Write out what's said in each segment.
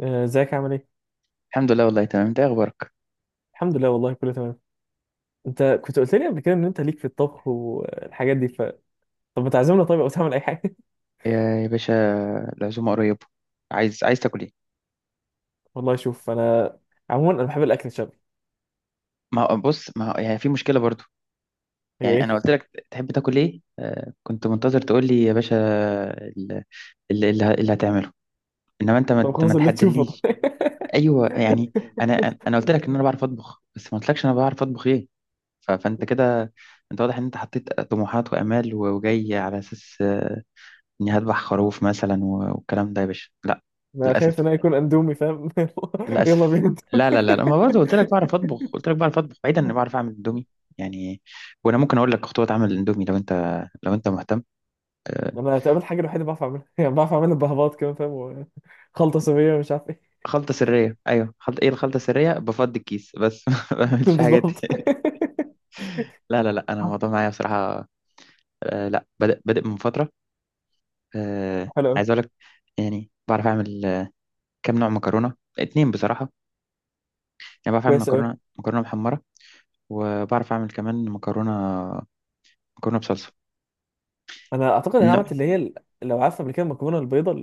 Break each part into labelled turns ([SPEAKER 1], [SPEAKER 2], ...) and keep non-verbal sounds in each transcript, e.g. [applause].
[SPEAKER 1] آه، ازيك عامل ايه؟
[SPEAKER 2] الحمد لله، والله تمام. انت ايه اخبارك؟
[SPEAKER 1] الحمد لله والله كله تمام. انت كنت قلت لي قبل كده ان انت ليك في الطبخ والحاجات دي طب ما تعزمنا، طيب او تعمل اي حاجه.
[SPEAKER 2] يا يا باشا. العزومه قريبه. عايز تاكل ايه؟
[SPEAKER 1] [laughs] والله شوف، انا عموما انا بحب الاكل الشعبي.
[SPEAKER 2] ما هو- بص، ما هو- يعني في مشكله برضو.
[SPEAKER 1] هي
[SPEAKER 2] يعني انا
[SPEAKER 1] ايه؟
[SPEAKER 2] قلت لك تحب تاكل ايه؟ كنت منتظر تقول لي يا باشا ال- اللي هتعمله. انما انت
[SPEAKER 1] طب
[SPEAKER 2] ما
[SPEAKER 1] خلاص اللي تشوفه
[SPEAKER 2] تحددليش.
[SPEAKER 1] طيب.
[SPEAKER 2] ايوه، يعني. انا قلت لك ان انا بعرف اطبخ، بس ما قلتلكش انا بعرف اطبخ ايه. فانت كده. انت واضح ان انت حطيت طموحات وامال وجاي على اساس اني هذبح خروف مثلا والكلام ده. يا باشا، لا.
[SPEAKER 1] [laughs] انا خايف ان
[SPEAKER 2] للاسف.
[SPEAKER 1] انا يكون اندومي، فاهم. [laughs] يلا
[SPEAKER 2] للاسف.
[SPEAKER 1] بينا.
[SPEAKER 2] لا لا لا لا، ما برضه قلت لك بعرف اطبخ، قلت لك بعرف اطبخ بعيدا اني بعرف اعمل اندومي. يعني. وانا ممكن اقول لك خطوات عمل الاندومي لو انت مهتم. آه.
[SPEAKER 1] انا تقابل الحاجه الوحيده بعرف اعملها، [laughs] يعني بعرف اعملها بهباط كمان فاهم. خلطه صينيه مش عارف ايه.
[SPEAKER 2] خلطه سريه، ايوه. خلطه ايه؟ الخلطه السريه بفضي الكيس بس [laughs] ما
[SPEAKER 1] [laughs]
[SPEAKER 2] بعملش حاجات
[SPEAKER 1] بالظبط.
[SPEAKER 2] [laughs] لا لا لا، انا الموضوع
[SPEAKER 1] [laughs]
[SPEAKER 2] معايا بصراحه. آه. لا، بادئ بادئ من فتره. آه.
[SPEAKER 1] حلو قوي.
[SPEAKER 2] عايز اقول لك. يعني بعرف اعمل كام نوع مكرونه؟ اتنين بصراحه. يعني بعرف اعمل
[SPEAKER 1] كويس
[SPEAKER 2] مكرونه
[SPEAKER 1] قوي.
[SPEAKER 2] مكرونه محمره. وبعرف اعمل كمان مكرونه، مكرونه بصلصه.
[SPEAKER 1] انا اعتقد ان عملت اللي هي لو عارفه قبل كده، المكرونه البيضاء،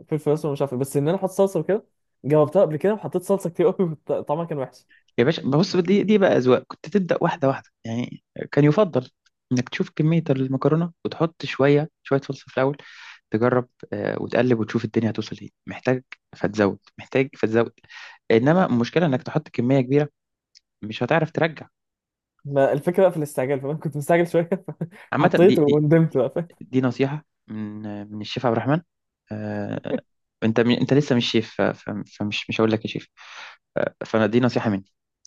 [SPEAKER 1] الفلفل الاسود مش عارف إيه، بس ان انا احط صلصه وكده. جاوبتها قبل كده وحطيت صلصه كتير قوي، [laughs] طعمها كان وحش.
[SPEAKER 2] يا باشا، بص، دي بقى أذواق، كنت تبدأ واحدة واحدة يعني. كان يفضل إنك تشوف كمية المكرونة وتحط شوية شوية صلصة في الأول. تجرب. وتقلب وتشوف الدنيا هتوصل إيه، محتاج فتزود، محتاج فتزود. إنما المشكلة إنك تحط كمية كبيرة، مش هتعرف ترجع.
[SPEAKER 1] ما الفكره بقى في الاستعجال، فانا كنت مستعجل شويه. [laughs]
[SPEAKER 2] عامة، دي
[SPEAKER 1] حطيت
[SPEAKER 2] دي
[SPEAKER 1] وندمت بقى، فاهم.
[SPEAKER 2] دي نصيحة من الشيف عبد الرحمن. آه. أنت لسه مش شيف، فمش مش هقول لك يا شيف. فأنا دي نصيحة مني.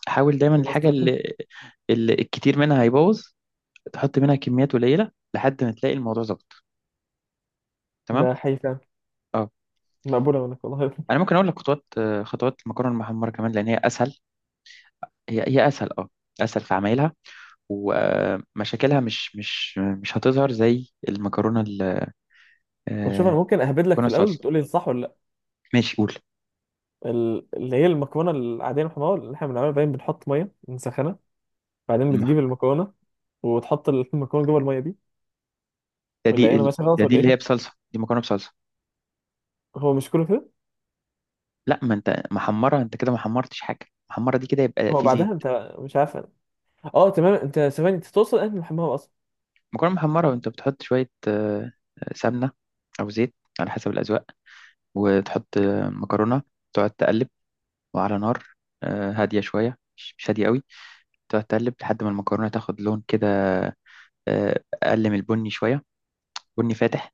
[SPEAKER 2] حاول دايما
[SPEAKER 1] خلصت
[SPEAKER 2] الحاجة
[SPEAKER 1] بقى.
[SPEAKER 2] اللي الكتير منها هيبوظ، تحط منها كميات قليله لحد ما تلاقي الموضوع ظبط. تمام.
[SPEAKER 1] ده حقيقي فعلا.
[SPEAKER 2] اه.
[SPEAKER 1] مقبوله منك والله.
[SPEAKER 2] انا ممكن اقول لك خطوات المكرونه المحمره كمان، لان هي اسهل. هي اسهل، اه. اسهل في عمايلها. ومشاكلها مش هتظهر زي
[SPEAKER 1] طب شوف، انا
[SPEAKER 2] آه،
[SPEAKER 1] ممكن اهبد لك
[SPEAKER 2] المكرونه
[SPEAKER 1] في الاول
[SPEAKER 2] الصلصه.
[SPEAKER 1] وتقول لي صح ولا لا.
[SPEAKER 2] ماشي، قول.
[SPEAKER 1] اللي هي المكرونه العاديه المحمره اللي احنا بنعملها، باين بنحط ميه نسخنها، بعدين بتجيب
[SPEAKER 2] المح-
[SPEAKER 1] المكرونه وتحط المكرونه جوه الميه دي.
[SPEAKER 2] ده
[SPEAKER 1] ولا
[SPEAKER 2] دي
[SPEAKER 1] ايه، انا
[SPEAKER 2] ال-
[SPEAKER 1] ماشي
[SPEAKER 2] ده
[SPEAKER 1] غلط
[SPEAKER 2] دي
[SPEAKER 1] ولا
[SPEAKER 2] اللي هي
[SPEAKER 1] ايه؟
[SPEAKER 2] بصلصه، دي مكرونه بصلصه.
[SPEAKER 1] هو مش كله كده.
[SPEAKER 2] لا، ما انت محمره، انت كده ما حمرتش حاجه. محمره دي كده يبقى
[SPEAKER 1] ما هو
[SPEAKER 2] في زيت.
[SPEAKER 1] بعدها، انت مش عارف. اه تمام، انت ثواني، انت توصل، انت محمره اصلا.
[SPEAKER 2] مكرونه محمره، وانت بتحط شويه سمنه، او زيت، على حسب الاذواق. وتحط مكرونه. تقعد تقلب، وعلى نار هادية شوية، مش هادية قوي. تقعد تقلب لحد ما المكرونة تاخد لون كده، أقل من البني شوية، بني فاتح.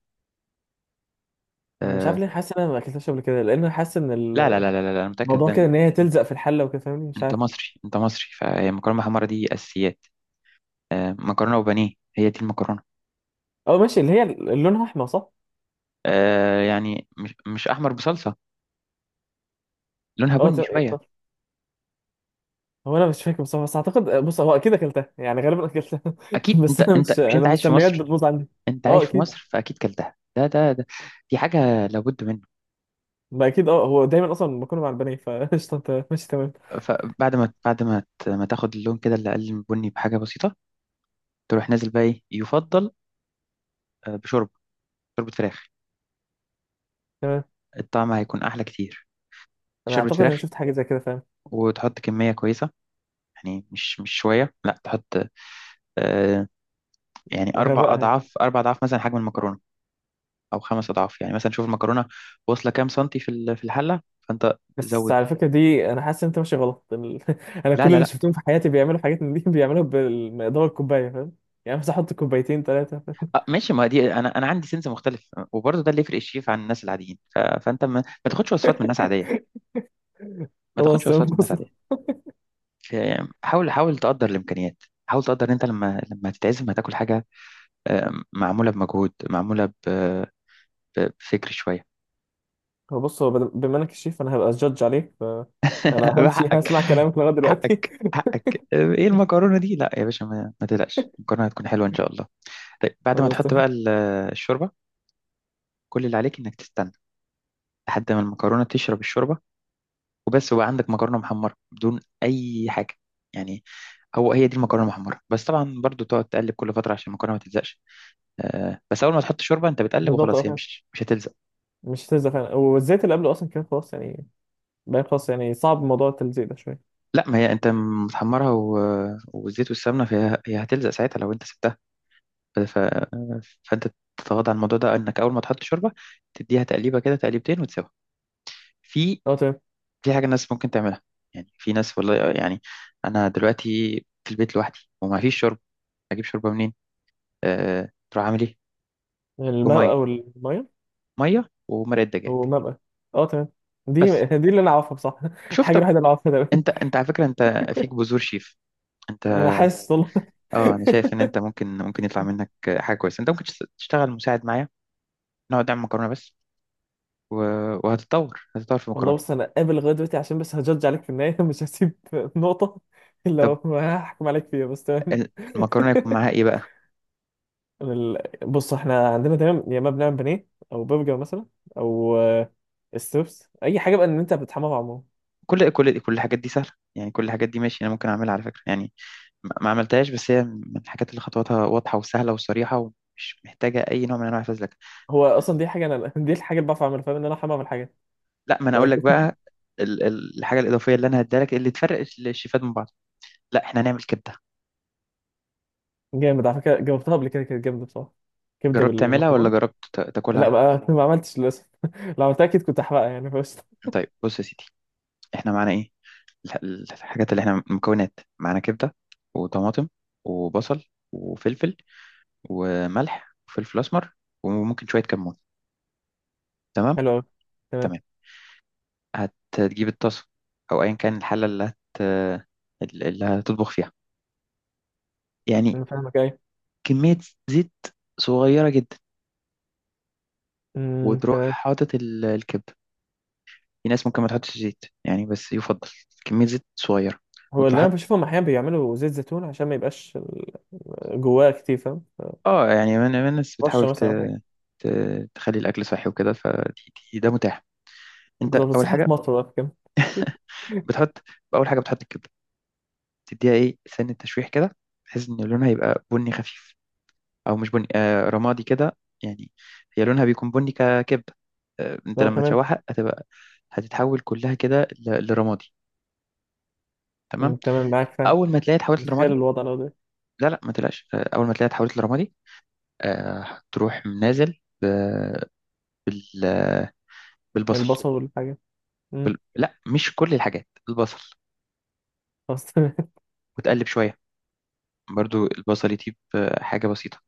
[SPEAKER 1] انا مش عارف
[SPEAKER 2] آه.
[SPEAKER 1] ليه حاسس ان انا ما اكلتهاش قبل كده، لان انا حاسس ان
[SPEAKER 2] لا لا لا لا لا لا، أنا متأكد
[SPEAKER 1] الموضوع
[SPEAKER 2] ده.
[SPEAKER 1] كده، ان هي تلزق في الحله وكده، فاهمني، مش
[SPEAKER 2] أنت
[SPEAKER 1] عارف.
[SPEAKER 2] مصري أنت مصري فهي المكرونة محمرة دي أساسيات. مكرونة وبانيه هي دي المكرونة.
[SPEAKER 1] اه ماشي، اللي هي اللي لونها احمر، صح؟
[SPEAKER 2] يعني مش أحمر بصلصة، لونها
[SPEAKER 1] اه
[SPEAKER 2] بني
[SPEAKER 1] تمام، ايه
[SPEAKER 2] شوية.
[SPEAKER 1] خلاص. هو انا مش فاكر بصراحه، بس اعتقد، بص هو اكيد اكلتها، يعني غالبا اكلتها.
[SPEAKER 2] أكيد،
[SPEAKER 1] [laughs]
[SPEAKER 2] أنت
[SPEAKER 1] بس انا مش،
[SPEAKER 2] أنت مش
[SPEAKER 1] انا
[SPEAKER 2] أنت عايش في
[SPEAKER 1] المسميات
[SPEAKER 2] مصر.
[SPEAKER 1] بتبوظ عندي.
[SPEAKER 2] أنت
[SPEAKER 1] اه
[SPEAKER 2] عايش في
[SPEAKER 1] اكيد.
[SPEAKER 2] مصر، فأكيد كلتها. ده. دي حاجة لابد منه.
[SPEAKER 1] ما اكيد اه، هو دايما اصلا بكون مع البنات فقشطه، انت ماشي تمام.
[SPEAKER 2] فبعد ما بعد ما ت- ما تاخد اللون كده اللي أقل من بني بحاجة بسيطة، تروح نازل بقى. ايه يفضل؟ بشوربه، شوربه فراخ.
[SPEAKER 1] تمام.
[SPEAKER 2] الطعم هيكون احلى كتير.
[SPEAKER 1] انا
[SPEAKER 2] شوربه
[SPEAKER 1] اعتقد انا
[SPEAKER 2] فراخ.
[SPEAKER 1] شفت حاجه زي كده، فاهم.
[SPEAKER 2] وتحط كميه كويسه. يعني مش شويه، لا تحط. آه. يعني اربع
[SPEAKER 1] غرقها يعني.
[SPEAKER 2] اضعاف، اربع اضعاف مثلا حجم المكرونه، او خمس اضعاف. يعني مثلا شوف المكرونه واصله كام سنتي في الحله، فانت
[SPEAKER 1] بس
[SPEAKER 2] زود.
[SPEAKER 1] على فكرة دي، أنا حاسس إن أنت ماشي غلط. [laughs] أنا
[SPEAKER 2] لا
[SPEAKER 1] كل
[SPEAKER 2] لا
[SPEAKER 1] اللي
[SPEAKER 2] لا.
[SPEAKER 1] شفتهم في حياتي بيعملوا حاجات من دي، [laughs] بيعملوها بالمقدار الكوباية، فاهم. يعني بس أحط كوبايتين ثلاثة.
[SPEAKER 2] آه ماشي، ما دي انا عندي سنس مختلف، وبرضه ده اللي يفرق الشيف عن الناس العاديين. فانت ما تاخدش وصفات من الناس عاديه.
[SPEAKER 1] [laughs]
[SPEAKER 2] ما
[SPEAKER 1] خلاص
[SPEAKER 2] تاخدش وصفات
[SPEAKER 1] تمام
[SPEAKER 2] من الناس
[SPEAKER 1] بص.
[SPEAKER 2] عاديه. حاول تقدر الامكانيات، حاول تقدر ان انت لما تتعزم هتاكل حاجه معمولة بمجهود، معمولة بفكر شوية.
[SPEAKER 1] هو بص، بما إنك الشيف أنا هبقى جادج عليك، فأنا
[SPEAKER 2] [laughs]
[SPEAKER 1] همشي. [laughs]
[SPEAKER 2] حقك،
[SPEAKER 1] هسمع كلامك لغاية دلوقتي.
[SPEAKER 2] حقك، حقك. ايه المكرونة دي؟ لا يا باشا، ما تقلقش، المكرونة هتكون حلوة ان شاء الله. طيب
[SPEAKER 1] [laughs]
[SPEAKER 2] بعد ما
[SPEAKER 1] خلاص
[SPEAKER 2] تحط بقى
[SPEAKER 1] تمام.
[SPEAKER 2] الشوربة. كل اللي عليك انك تستنى لحد ما المكرونة تشرب الشوربة وبس، وبقى عندك مكرونة محمرة بدون اي حاجة، يعني. هي دي المكرونه المحمره. بس طبعا برضو تقعد تقلب كل فتره عشان المكرونه ما تلزقش. بس اول ما تحط شوربه انت بتقلب
[SPEAKER 1] بالظبط، أه
[SPEAKER 2] وخلاص، هي
[SPEAKER 1] فاهم.
[SPEAKER 2] مش هتلزق.
[SPEAKER 1] مش هتلزق فعلا، والزيت اللي قبله أصلا كان خلاص يعني. بقى خلاص، يعني صعب موضوع التلزيق ده شوية.
[SPEAKER 2] لا، ما هي انت متحمرها والزيت والسمنه، فهي هتلزق ساعتها لو انت سبتها. ف... ف... فانت تتغاضى عن الموضوع ده، انك اول ما تحط شوربه تديها تقليبه كده، تقليبتين، وتسيبها. في
[SPEAKER 1] أه تمام.
[SPEAKER 2] في حاجه الناس ممكن تعملها. يعني في ناس والله، يعني انا دلوقتي في البيت لوحدي وما فيش شوربه. اجيب شوربه منين؟ تروح عامل ايه؟ بميه،
[SPEAKER 1] المبقى والمية.
[SPEAKER 2] ميه ومرقه دجاج،
[SPEAKER 1] ومبقى. أه تمام. دي
[SPEAKER 2] بس.
[SPEAKER 1] [laughs] اللي أنا أعرفها بصح. [laughs]
[SPEAKER 2] شوف
[SPEAKER 1] الحاجة
[SPEAKER 2] طب،
[SPEAKER 1] الوحيدة اللي أعرفها، تمام.
[SPEAKER 2] انت على فكره، انت فيك بذور شيف، انت.
[SPEAKER 1] أنا حاسس والله.
[SPEAKER 2] اه، انا شايف ان انت ممكن يطلع منك حاجه كويسه. انت ممكن تشتغل مساعد معايا، نقعد نعمل مكرونة بس، و... وهتتطور، هتتطور في
[SPEAKER 1] والله
[SPEAKER 2] مكرونة.
[SPEAKER 1] بص، انا قابل لغايه دلوقتي عشان بس هجدج عليك في النهايه، [laughs] مش هسيب نقطه الا
[SPEAKER 2] طب
[SPEAKER 1] لو هحكم عليك فيها، بس تمام.
[SPEAKER 2] ال-
[SPEAKER 1] [laughs]
[SPEAKER 2] المكرونة يكون معاها ايه بقى؟
[SPEAKER 1] أنا بص احنا عندنا دايما، يا اما بنعمل بانيه او برجر مثلا، او ستوبس، اي حاجه بقى ان انت بتحمى بعمره.
[SPEAKER 2] كل الحاجات دي سهلة، يعني كل الحاجات دي ماشي، انا ممكن اعملها على فكرة. يعني ما عملتهاش، بس هي من الحاجات اللي خطواتها واضحة وسهلة وصريحة، ومش محتاجة اي نوع من انواع الفزلكة.
[SPEAKER 1] هو اصلا دي حاجه انا، [laughs] دي الحاجه اللي بعرف اعملها، فاهم، ان انا احمى بعمل حاجه.
[SPEAKER 2] لا، ما انا اقول
[SPEAKER 1] [laughs]
[SPEAKER 2] لك بقى الحاجة الإضافية اللي انا هديها لك، اللي تفرق الشيفات من بعض. لا، احنا هنعمل كبدة.
[SPEAKER 1] جامد على فكره، جاوبتها قبل كده، كانت جامده بصراحه. كبده
[SPEAKER 2] جربت تعملها ولا
[SPEAKER 1] بالمكرونه.
[SPEAKER 2] جربت
[SPEAKER 1] لا
[SPEAKER 2] تاكلها؟
[SPEAKER 1] بقى، [laughs] ما عملتش للاسف، [laughs] لو عملتها اكيد كنت احرقها يعني بس.
[SPEAKER 2] طيب بص يا سيدي، احنا معانا ايه؟ الح- الحاجات اللي احنا مكونات معانا: كبدة، وطماطم، وبصل، وفلفل، وملح، وفلفل أسمر، وممكن شوية كمون. تمام.
[SPEAKER 1] حلو قوي. تمام.
[SPEAKER 2] تمام. هتجيب الطاسة، أو أيا كان الحلة اللي هتطبخ فيها، يعني
[SPEAKER 1] انا فاهمك ايه.
[SPEAKER 2] كمية زيت صغيرة جدا. وتروح
[SPEAKER 1] تمام.
[SPEAKER 2] حاطط الكبدة. في ناس ممكن ما تحطش زيت يعني، بس يفضل كمية زيت صغيرة.
[SPEAKER 1] هو
[SPEAKER 2] وتروح
[SPEAKER 1] اللي انا
[SPEAKER 2] حاطط.
[SPEAKER 1] بشوفهم احيانا بيعملوا زيت زيتون عشان ما يبقاش جواه كتير، فاهم.
[SPEAKER 2] اه، يعني من الناس
[SPEAKER 1] رشه
[SPEAKER 2] بتحاول
[SPEAKER 1] مثلا او حاجه.
[SPEAKER 2] تخلي الأكل صحي وكده، فده متاح. انت،
[SPEAKER 1] بالظبط، الصحة في مصر بقى في كده.
[SPEAKER 2] بتحط اول حاجه بتحط الكبده. تديها ايه سن التشويح كده، بحيث ان لونها يبقى بني خفيف. او مش بني، رمادي كده، يعني. هي لونها بيكون بني ككبده. انت
[SPEAKER 1] لو
[SPEAKER 2] لما
[SPEAKER 1] تمام.
[SPEAKER 2] تشوحها هتبقى، هتتحول كلها كده لرمادي. تمام.
[SPEAKER 1] تمام، معاك فاهم.
[SPEAKER 2] اول ما تلاقيها اتحولت
[SPEAKER 1] متخيل
[SPEAKER 2] لرمادي،
[SPEAKER 1] الوضع لو ده.
[SPEAKER 2] لا لا ما تقلقش، اول ما تلاقيها اتحولت لرمادي، آه تروح نازل بال
[SPEAKER 1] يعني
[SPEAKER 2] بالبصل.
[SPEAKER 1] البصل والحاجه. امم.
[SPEAKER 2] لا، مش كل الحاجات، البصل.
[SPEAKER 1] خلاص تمام.
[SPEAKER 2] وتقلب شويه، برضو البصل يطيب حاجه بسيطه.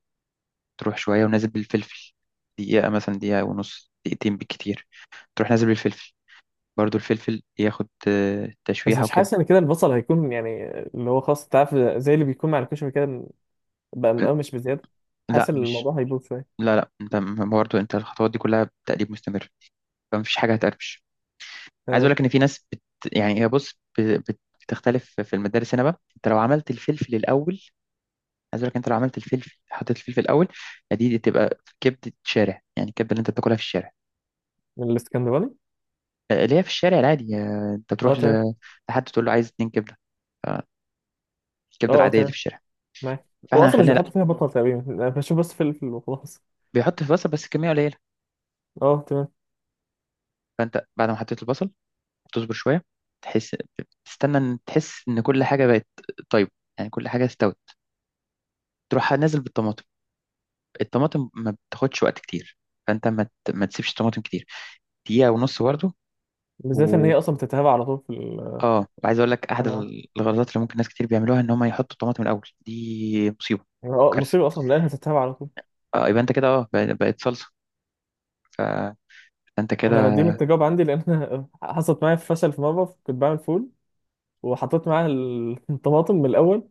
[SPEAKER 2] تروح شوية ونازل بالفلفل، دقيقة مثلا، دقيقة ونص، دقيقتين بالكتير. تروح نازل بالفلفل، برضو الفلفل ياخد
[SPEAKER 1] [laughs] بس
[SPEAKER 2] تشويحة
[SPEAKER 1] مش
[SPEAKER 2] وكده.
[SPEAKER 1] حاسس ان كده البصل هيكون، يعني اللي هو خاص، انت عارف زي اللي بيكون مع الكشري كده، بقى مقرمش بزياده. حاسس
[SPEAKER 2] لا
[SPEAKER 1] ان
[SPEAKER 2] مش،
[SPEAKER 1] الموضوع هيبوظ شويه.
[SPEAKER 2] لا لا، انت برضو انت الخطوات دي كلها تقليب مستمر، فمفيش حاجة هتقربش. عايز اقول
[SPEAKER 1] تمام.
[SPEAKER 2] لك ان في ناس يعني، هي بص بتختلف في المدارس هنا بقى. انت لو عملت الفلفل الاول، عايز اقول لك انت لو عملت الفلفل، حطيت الفلفل الاول، دي تبقى كبدة شارع. يعني الكبدة اللي انت بتاكلها في الشارع،
[SPEAKER 1] من الاسكندراني.
[SPEAKER 2] اللي هي في الشارع العادي. انت
[SPEAKER 1] اه
[SPEAKER 2] تروح
[SPEAKER 1] تمام.
[SPEAKER 2] لحد تقول له عايز اتنين كبدة، الكبده
[SPEAKER 1] اه اه،
[SPEAKER 2] العاديه اللي
[SPEAKER 1] تمام
[SPEAKER 2] في الشارع.
[SPEAKER 1] معاك. هو
[SPEAKER 2] فاحنا
[SPEAKER 1] اصلا مش
[SPEAKER 2] خلينا، لا،
[SPEAKER 1] بيحطوا فيها بطل تقريبا، انا بشوف بس فلفل وخلاص.
[SPEAKER 2] بيحط في بصل بس كميه قليله.
[SPEAKER 1] اه تمام.
[SPEAKER 2] فانت بعد ما حطيت البصل، تصبر شويه، تحس، تستنى ان تحس ان كل حاجه بقت طيبه، يعني كل حاجه استوت. تروح نازل بالطماطم. الطماطم ما بتاخدش وقت كتير، فانت ما تسيبش طماطم كتير، دقيقه ونص برضه.
[SPEAKER 1] بالذات ان
[SPEAKER 2] و
[SPEAKER 1] هي اصلا بتتهاب على طول في
[SPEAKER 2] اه وعايز اقول لك احد
[SPEAKER 1] ال-
[SPEAKER 2] الغلطات اللي ممكن ناس كتير بيعملوها، ان هم يحطوا الطماطم الاول، دي مصيبه،
[SPEAKER 1] اه
[SPEAKER 2] كارثه.
[SPEAKER 1] مصيبة أصلا لأنها تتهاب على طول.
[SPEAKER 2] اه، يبقى انت كده، بقت صلصه، ف- فانت
[SPEAKER 1] أنا
[SPEAKER 2] كده.
[SPEAKER 1] دي من التجارب عندي، لأن أنا حصلت معايا فشل في مرة كنت بعمل فول وحطيت معاها [laughs] الطماطم من الأول.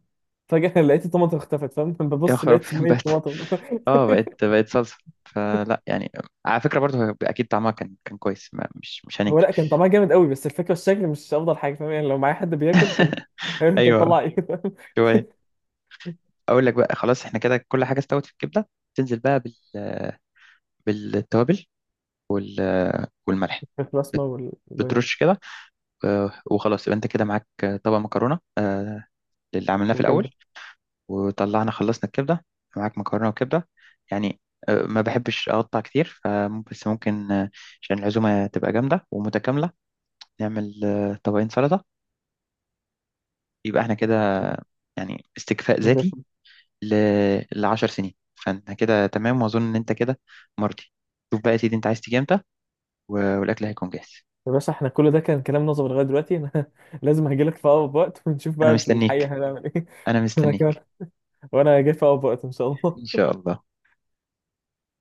[SPEAKER 1] فجأة [laughs] لقيت الطماطم اختفت، فاهم. [laughs]
[SPEAKER 2] يا
[SPEAKER 1] ببص
[SPEAKER 2] خراب
[SPEAKER 1] لقيت
[SPEAKER 2] [laughs]
[SPEAKER 1] مية
[SPEAKER 2] بقت.
[SPEAKER 1] طماطم. [laughs]
[SPEAKER 2] اه، بقت صلصة. فلا، يعني على فكرة برضو، هو اكيد طعمها كان كويس، ما مش
[SPEAKER 1] هو
[SPEAKER 2] هننكر.
[SPEAKER 1] لأ كان طعمها جامد قوي، بس الفكرة الشكل مش أفضل حاجة، فاهم. يعني لو معايا حد بياكل كان [laughs] هيقول أنت
[SPEAKER 2] ايوه.
[SPEAKER 1] بتطلع إيه، فاهم.
[SPEAKER 2] شوية. اقول لك بقى خلاص، احنا كده كل حاجة استوت في الكبدة. تنزل بقى بالتوابل وال والملح.
[SPEAKER 1] [laughs] البسمة
[SPEAKER 2] بت-
[SPEAKER 1] والبنج
[SPEAKER 2] بترش كده. وخلاص، يبقى انت كده معاك طبق مكرونة اللي عملناه في الاول،
[SPEAKER 1] وكده.
[SPEAKER 2] وطلعنا خلصنا الكبدة، معاك مكرونة وكبدة، يعني. ما بحبش اقطع كتير، فممكن، بس ممكن عشان العزومة تبقى جامدة ومتكاملة، نعمل طبقين سلطة، يبقى احنا كده يعني استكفاء ذاتي ل 10 سنين. فانت كده تمام، واظن ان انت كده مرضي. شوف بقى يا سيدي، انت عايز تيجي امتى والاكل هيكون جاهز؟
[SPEAKER 1] يا باشا، احنا كل ده كان كلام نظري لغاية دلوقتي، أنا [laughs] لازم هجيلك في أقرب وقت ونشوف
[SPEAKER 2] انا
[SPEAKER 1] بقى في
[SPEAKER 2] مستنيك.
[SPEAKER 1] الحقيقة هنعمل إيه.
[SPEAKER 2] انا
[SPEAKER 1] [laughs] أنا كمان.
[SPEAKER 2] مستنيك.
[SPEAKER 1] وأنا جاي في أقرب وقت إن شاء
[SPEAKER 2] ان
[SPEAKER 1] الله.
[SPEAKER 2] شاء الله.